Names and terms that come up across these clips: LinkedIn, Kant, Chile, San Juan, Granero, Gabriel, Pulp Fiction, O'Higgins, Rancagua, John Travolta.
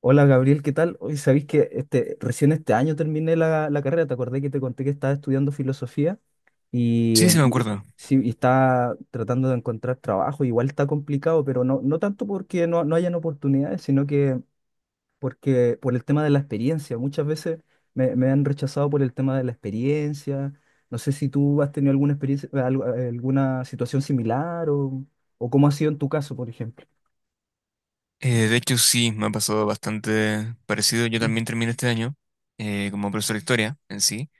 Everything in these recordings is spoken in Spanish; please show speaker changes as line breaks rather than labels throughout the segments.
Hola Gabriel, ¿qué tal? Hoy sabéis que recién este año terminé la carrera, te acordé que te conté que estaba estudiando filosofía. y,
Sí, sí
eh,
me
y-
acuerdo.
sí, y estaba tratando de encontrar trabajo, igual está complicado, pero no, no tanto porque no, no hayan oportunidades, sino que porque por el tema de la experiencia. Muchas veces me han rechazado por el tema de la experiencia. No sé si tú has tenido alguna experiencia, alguna situación similar, o cómo ha sido en tu caso, por ejemplo.
De hecho, sí, me ha pasado bastante parecido. Yo también terminé este año como profesor de historia en sí.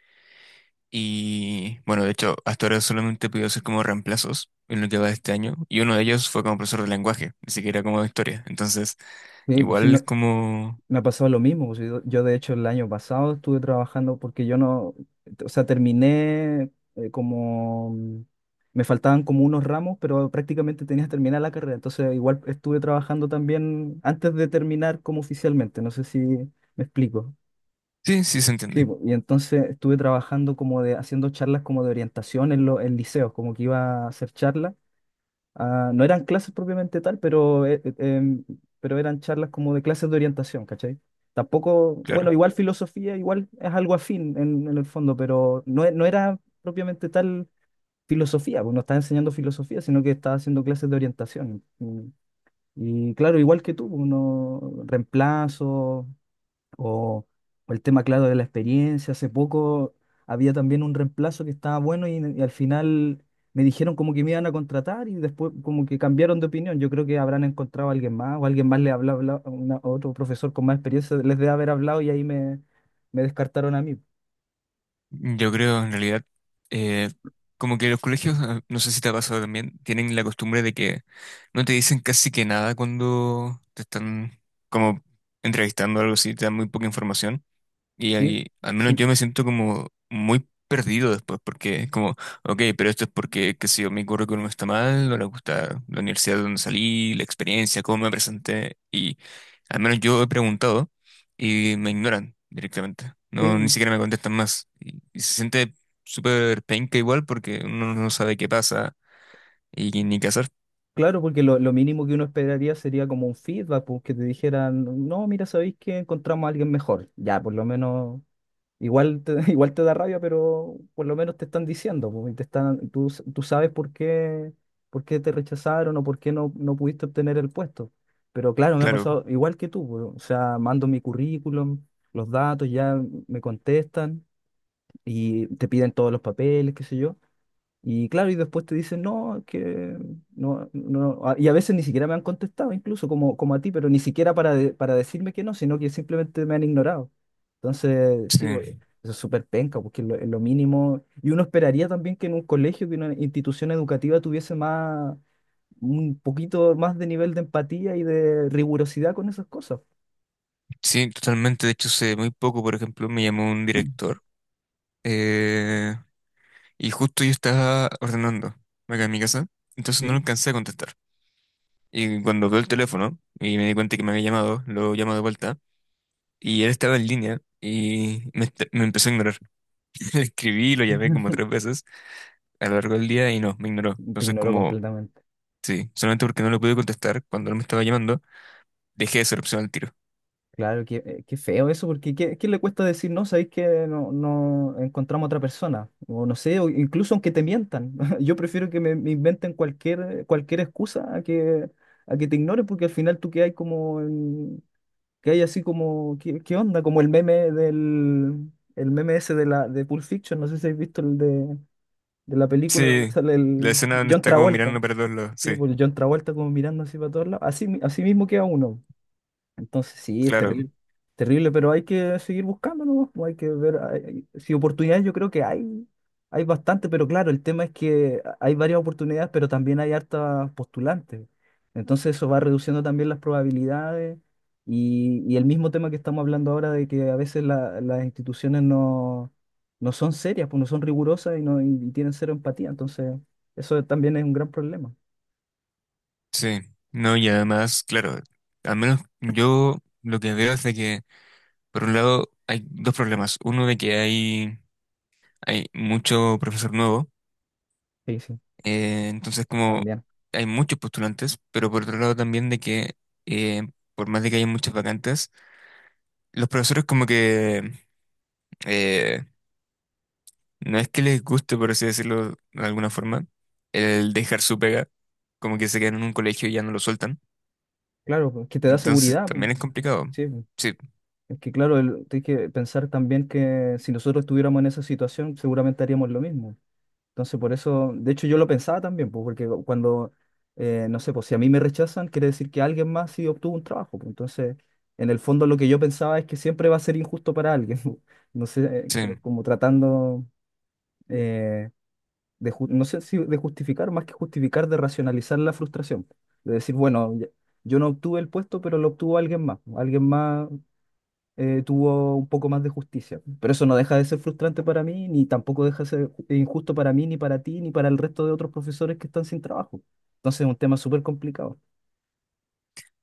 Y bueno, de hecho, hasta ahora solamente he podido hacer como reemplazos en lo que va de este año. Y uno de ellos fue como profesor de lenguaje, ni siquiera como de historia. Entonces,
Sí, pues sí,
igual es
me-
como...
Me ha pasado lo mismo, pues. Yo, de hecho el año pasado estuve trabajando porque yo no, o sea, terminé, como, me faltaban como unos ramos, pero prácticamente tenía que terminar la carrera. Entonces igual estuve trabajando también antes de terminar como oficialmente. No sé si me explico.
Sí, sí se
Sí,
entiende,
po, y entonces estuve trabajando como de, haciendo charlas como de orientación en, en liceos, como que iba a hacer charlas. Ah, no eran clases propiamente tal, pero, pero eran charlas como de clases de orientación, ¿cachai? Tampoco, bueno,
claro.
igual filosofía, igual es algo afín en el fondo, pero no, no era propiamente tal filosofía, pues no estaba enseñando filosofía, sino que estaba haciendo clases de orientación. Y, claro, igual que tú, uno reemplazo, o, o el tema, claro, de la experiencia. Hace poco había también un reemplazo que estaba bueno y al final me dijeron como que me iban a contratar y después como que cambiaron de opinión. Yo creo que habrán encontrado a alguien más, o alguien más le habló, a otro profesor con más experiencia les debe haber hablado, y ahí me descartaron a mí.
Yo creo, en realidad, eh, como que los colegios, no sé si te ha pasado también, tienen la costumbre de que no te dicen casi que nada cuando te están como entrevistando o algo así, te dan muy poca información. Y
Sí,
ahí, al menos
sí,
yo me siento como muy perdido después, porque es como, ok, pero esto es porque, qué sé yo, mi currículum no está mal, no le gusta la universidad de donde salí, la experiencia, cómo me presenté, y al menos yo he preguntado y me ignoran directamente, no, ni
sí.
siquiera me contestan más, y se siente súper penca igual porque uno no sabe qué pasa y ni qué hacer.
Claro, porque lo mínimo que uno esperaría sería como un feedback, pues, que te dijeran: no, mira, sabéis que encontramos a alguien mejor. Ya, por lo menos igual te, igual te da rabia, pero por lo menos te están diciendo, po, y te están, tú, tú sabes por qué, te rechazaron, o por qué no, no pudiste obtener el puesto. Pero claro, me ha
Claro,
pasado igual que tú, po, o sea, mando mi currículum, los datos, ya me contestan y te piden todos los papeles, qué sé yo. Y claro, y después te dicen: no, es que no, no, y a veces ni siquiera me han contestado, incluso como, como a ti, pero ni siquiera para, para decirme que no, sino que simplemente me han ignorado. Entonces, sí,
sí,
eso es súper penca, porque es lo mínimo. Y uno esperaría también que en un colegio, que una institución educativa, tuviese más, un poquito más de nivel de empatía y de rigurosidad con esas cosas.
sí, totalmente, de hecho, sé muy poco, por ejemplo, me llamó un director. eh, Y justo yo estaba ordenando acá en mi casa, entonces
Sí.
no lo alcancé a contestar. Y cuando veo el teléfono y me di cuenta que me había llamado, lo llamo de vuelta y él estaba en línea y me empezó a ignorar. Le escribí, lo llamé como 3 veces a lo largo del día y no, me ignoró.
Te
Entonces
ignoro
como,
completamente.
sí, solamente porque no lo pude contestar cuando él me estaba llamando, dejé de ser opción al tiro.
Claro, qué feo eso, porque ¿qué le cuesta decir no? Sabéis que no, no encontramos otra persona, o no sé, o incluso aunque te mientan. Yo prefiero que me inventen cualquier, cualquier excusa, a que te ignoren, porque al final tú que hay como, que hay así como, ¿qué onda? Como el meme ese de Pulp Fiction, no sé si habéis visto el de la película donde
Sí,
sale
la
el
escena donde
John
está como
Travolta,
mirando para todos lados,
sí,
sí,
pues el John Travolta como mirando así para todos lados, así, así mismo queda uno. Entonces sí, es
claro,
terrible, terrible, pero hay que seguir buscando, ¿no? Pues hay que ver, si oportunidades, yo creo que hay bastante, pero claro, el tema es que hay varias oportunidades, pero también hay hartas postulantes. Entonces eso va reduciendo también las probabilidades, y el mismo tema que estamos hablando ahora: de que a veces las instituciones no, no son serias, pues no son rigurosas, y, no, y tienen cero empatía. Entonces eso también es un gran problema.
sí. No, y además, claro, al menos yo lo que veo es de que por un lado, hay dos problemas. Uno de que hay mucho profesor nuevo,
Sí, sí,
entonces como
también.
hay muchos postulantes, pero por otro lado también de que eh, por más de que haya muchas vacantes, los profesores como que eh, no es que les guste, por así decirlo de alguna forma, el dejar su pega, como que se quedan en un colegio y ya no lo sueltan.
Claro, pues, que te da
Entonces
seguridad, pues.
también es complicado.
Sí, pues.
Sí,
Es que claro, hay que pensar también que si nosotros estuviéramos en esa situación, seguramente haríamos lo mismo. Entonces, por eso, de hecho, yo lo pensaba también, pues, porque cuando, no sé, pues si a mí me rechazan, quiere decir que alguien más sí obtuvo un trabajo, pues. Entonces, en el fondo, lo que yo pensaba es que siempre va a ser injusto para alguien. No sé,
sí.
como tratando, eh, de, no sé si de justificar, más que justificar, de racionalizar la frustración. De decir: bueno, yo no obtuve el puesto, pero lo obtuvo alguien más. Alguien más, tuvo un poco más de justicia. Pero eso no deja de ser frustrante para mí, ni tampoco deja de ser injusto para mí, ni para ti, ni para el resto de otros profesores que están sin trabajo. Entonces es un tema súper complicado.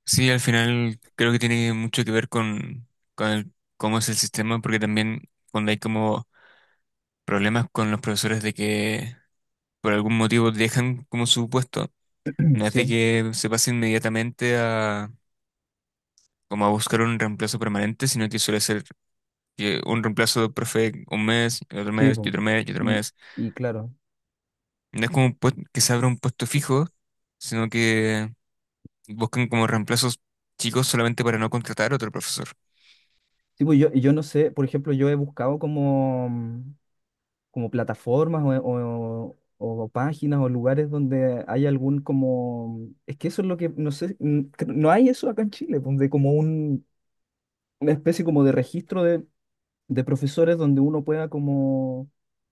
Sí, al final creo que tiene mucho que ver con, cómo es el sistema, porque también cuando hay como problemas con los profesores de que por algún motivo dejan como su puesto, no es de
Sí,
que se pase inmediatamente a como a buscar un reemplazo permanente, sino que suele ser que un reemplazo de profe un mes, y otro
sí,
mes, y
po.
otro mes, y otro
Y,
mes.
y, claro,
No es como un que se abra un puesto fijo, sino que buscan como reemplazos chicos solamente para no contratar a otro profesor.
sí, pues yo no sé, por ejemplo, yo he buscado como, como plataformas o, o páginas o lugares donde hay algún como... Es que eso es lo que, no sé, no hay eso acá en Chile, donde como un, una especie como de registro de profesores, donde uno pueda como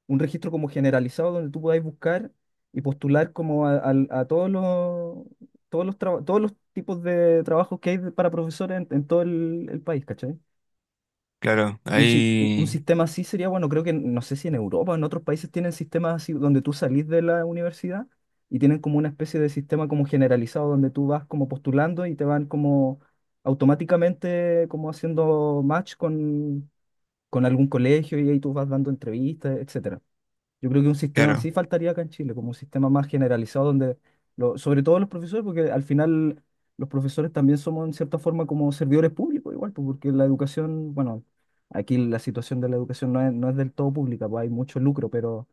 un registro como generalizado donde tú podáis buscar y postular como a todos los tipos de trabajos que hay para profesores en todo el país, ¿cachai?
Claro,
Un, si- un
hay
sistema así sería bueno, creo que, no sé si en Europa o en otros países tienen sistemas así donde tú salís de la universidad y tienen como una especie de sistema como generalizado donde tú vas como postulando y te van como automáticamente como haciendo match con algún colegio, y ahí tú vas dando entrevistas, etcétera. Yo creo que un sistema
claro,
así faltaría acá en Chile, como un sistema más generalizado donde, sobre todo los profesores, porque al final los profesores también somos en cierta forma como servidores públicos igual, pues, porque la educación, bueno, aquí la situación de la educación no es del todo pública, pues hay mucho lucro, pero,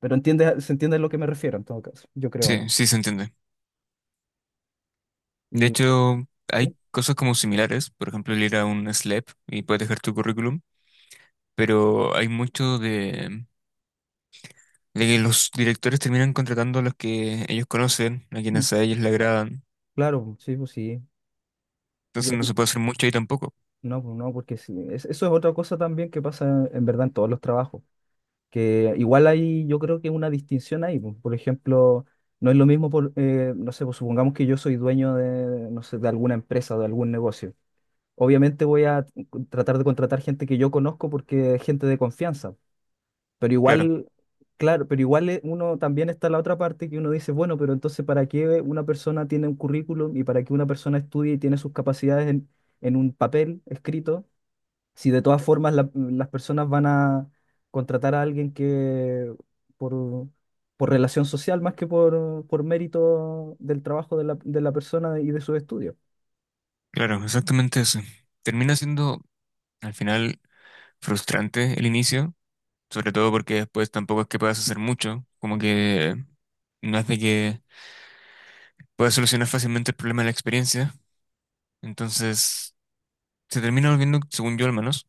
pero entiende, se entiende a lo que me refiero en todo caso, yo creo,
sí,
¿no?
sí se entiende. De
Y
hecho,
sí,
hay cosas como similares, por ejemplo, el ir a un SLAP y puedes dejar tu currículum, pero hay mucho de que los directores terminan contratando a los que ellos conocen, a quienes a ellos le agradan,
claro, pues, sí, pues sí. Sí,
entonces
pues,
no se puede hacer mucho ahí tampoco.
no, pues no, porque sí, eso es otra cosa también que pasa en verdad en todos los trabajos, que igual hay, yo creo, que una distinción ahí, po. Por ejemplo, no es lo mismo, por, no sé, pues supongamos que yo soy dueño de, no sé, de alguna empresa o de algún negocio. Obviamente voy a tratar de contratar gente que yo conozco, porque es gente de confianza, pero
Claro,
igual, claro, pero igual, uno también está la otra parte, que uno dice: bueno, pero entonces, ¿para qué una persona tiene un currículum, y para qué una persona estudie y tiene sus capacidades en, un papel escrito? Si de todas formas las personas van a contratar a alguien que por, por, relación social, más que por mérito del trabajo de la persona y de sus estudios.
claro, exactamente eso. Termina siendo al final frustrante el inicio, sobre todo porque después tampoco es que puedas hacer mucho, como que no es de que puedas solucionar fácilmente el problema de la experiencia, entonces... se termina volviendo, según yo al menos,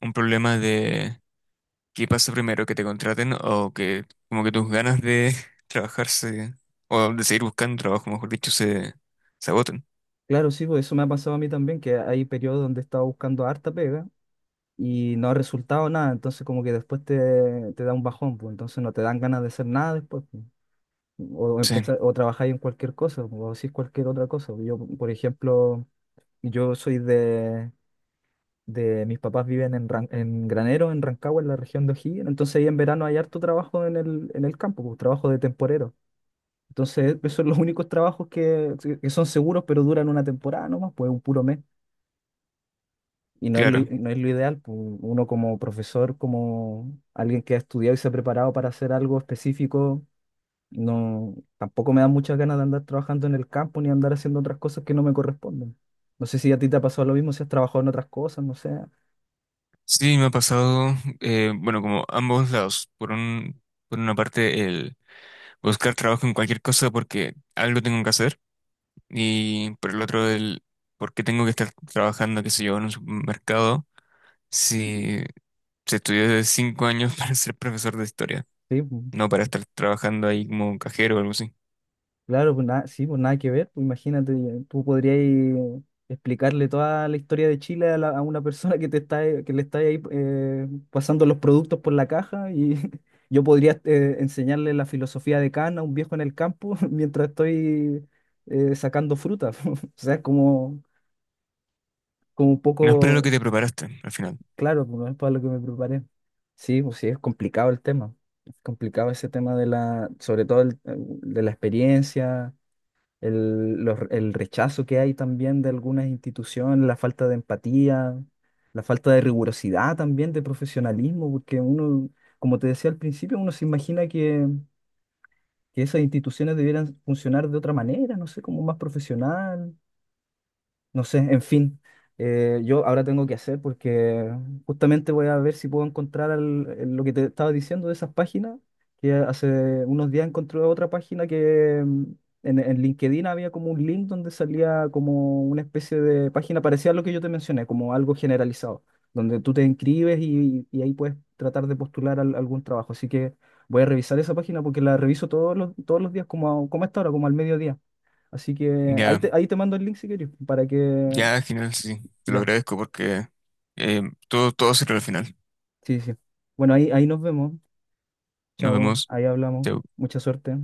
un problema de qué pasa primero, que te contraten o que como que tus ganas de trabajar o de seguir buscando trabajo, mejor dicho, se agotan.
Claro, sí, pues eso me ha pasado a mí también, que hay periodos donde he estado buscando harta pega y no ha resultado nada, entonces como que después te da un bajón, pues entonces no te dan ganas de hacer nada después, pues. O
Sí,
empezar, o trabajar en cualquier cosa, o decir cualquier otra cosa. Yo, por ejemplo, yo soy de mis papás viven en, en Granero, en Rancagua, en la región de O'Higgins, entonces ahí en verano hay harto trabajo en el, campo, pues, trabajo de temporero. Entonces, esos son los únicos trabajos que son seguros, pero duran una temporada nomás, pues un puro mes. Y no es lo, i-
claro.
no es lo ideal, pues, uno como profesor, como alguien que ha estudiado y se ha preparado para hacer algo específico, no, tampoco me da muchas ganas de andar trabajando en el campo, ni andar haciendo otras cosas que no me corresponden. No sé si a ti te ha pasado lo mismo, si has trabajado en otras cosas, no sé.
Sí, me ha pasado, bueno, como ambos lados. Por una parte, el buscar trabajo en cualquier cosa porque algo tengo que hacer y por el otro, el por qué tengo que estar trabajando, qué sé yo, en un supermercado si se estudió de 5 años para ser profesor de historia.
Sí, pues,
No para estar trabajando ahí como cajero o algo así.
claro, pues nada, sí, pues nada que ver. Pues imagínate, tú podrías explicarle toda la historia de Chile a, a una persona que te está, que le está ahí, pasando los productos por la caja, y yo podría, enseñarle la filosofía de Kant a un viejo en el campo mientras estoy, sacando fruta. O sea, es como, como un
No es para lo
poco,
que te preparaste al final.
claro, pues no es para lo que me preparé. Sí, pues sí, es complicado el tema. Es complicado ese tema de la, sobre todo de la experiencia, el rechazo que hay también de algunas instituciones, la falta de empatía, la falta de rigurosidad también, de profesionalismo, porque uno, como te decía al principio, uno se imagina que, esas instituciones debieran funcionar de otra manera, no sé, como más profesional, no sé, en fin, yo ahora tengo que hacer porque justamente voy a ver si puedo encontrar, lo que te estaba diciendo de esas páginas, que hace unos días encontré otra página que, en LinkedIn había como un link donde salía como una especie de página parecida a lo que yo te mencioné, como algo generalizado, donde tú te inscribes y ahí puedes tratar de postular algún trabajo. Así que voy a revisar esa página porque la reviso todos los, días, como, como a esta hora, como al mediodía. Así que ahí
Ya,
te, ahí te mando el link si querés, para que...
ya, genial, sí. Sí. Te lo
Ya,
agradezco porque eh, todo se crea al final.
sí, sí. Bueno, ahí nos vemos.
Nos
Chao,
vemos.
ahí hablamos.
Chao.
Mucha suerte.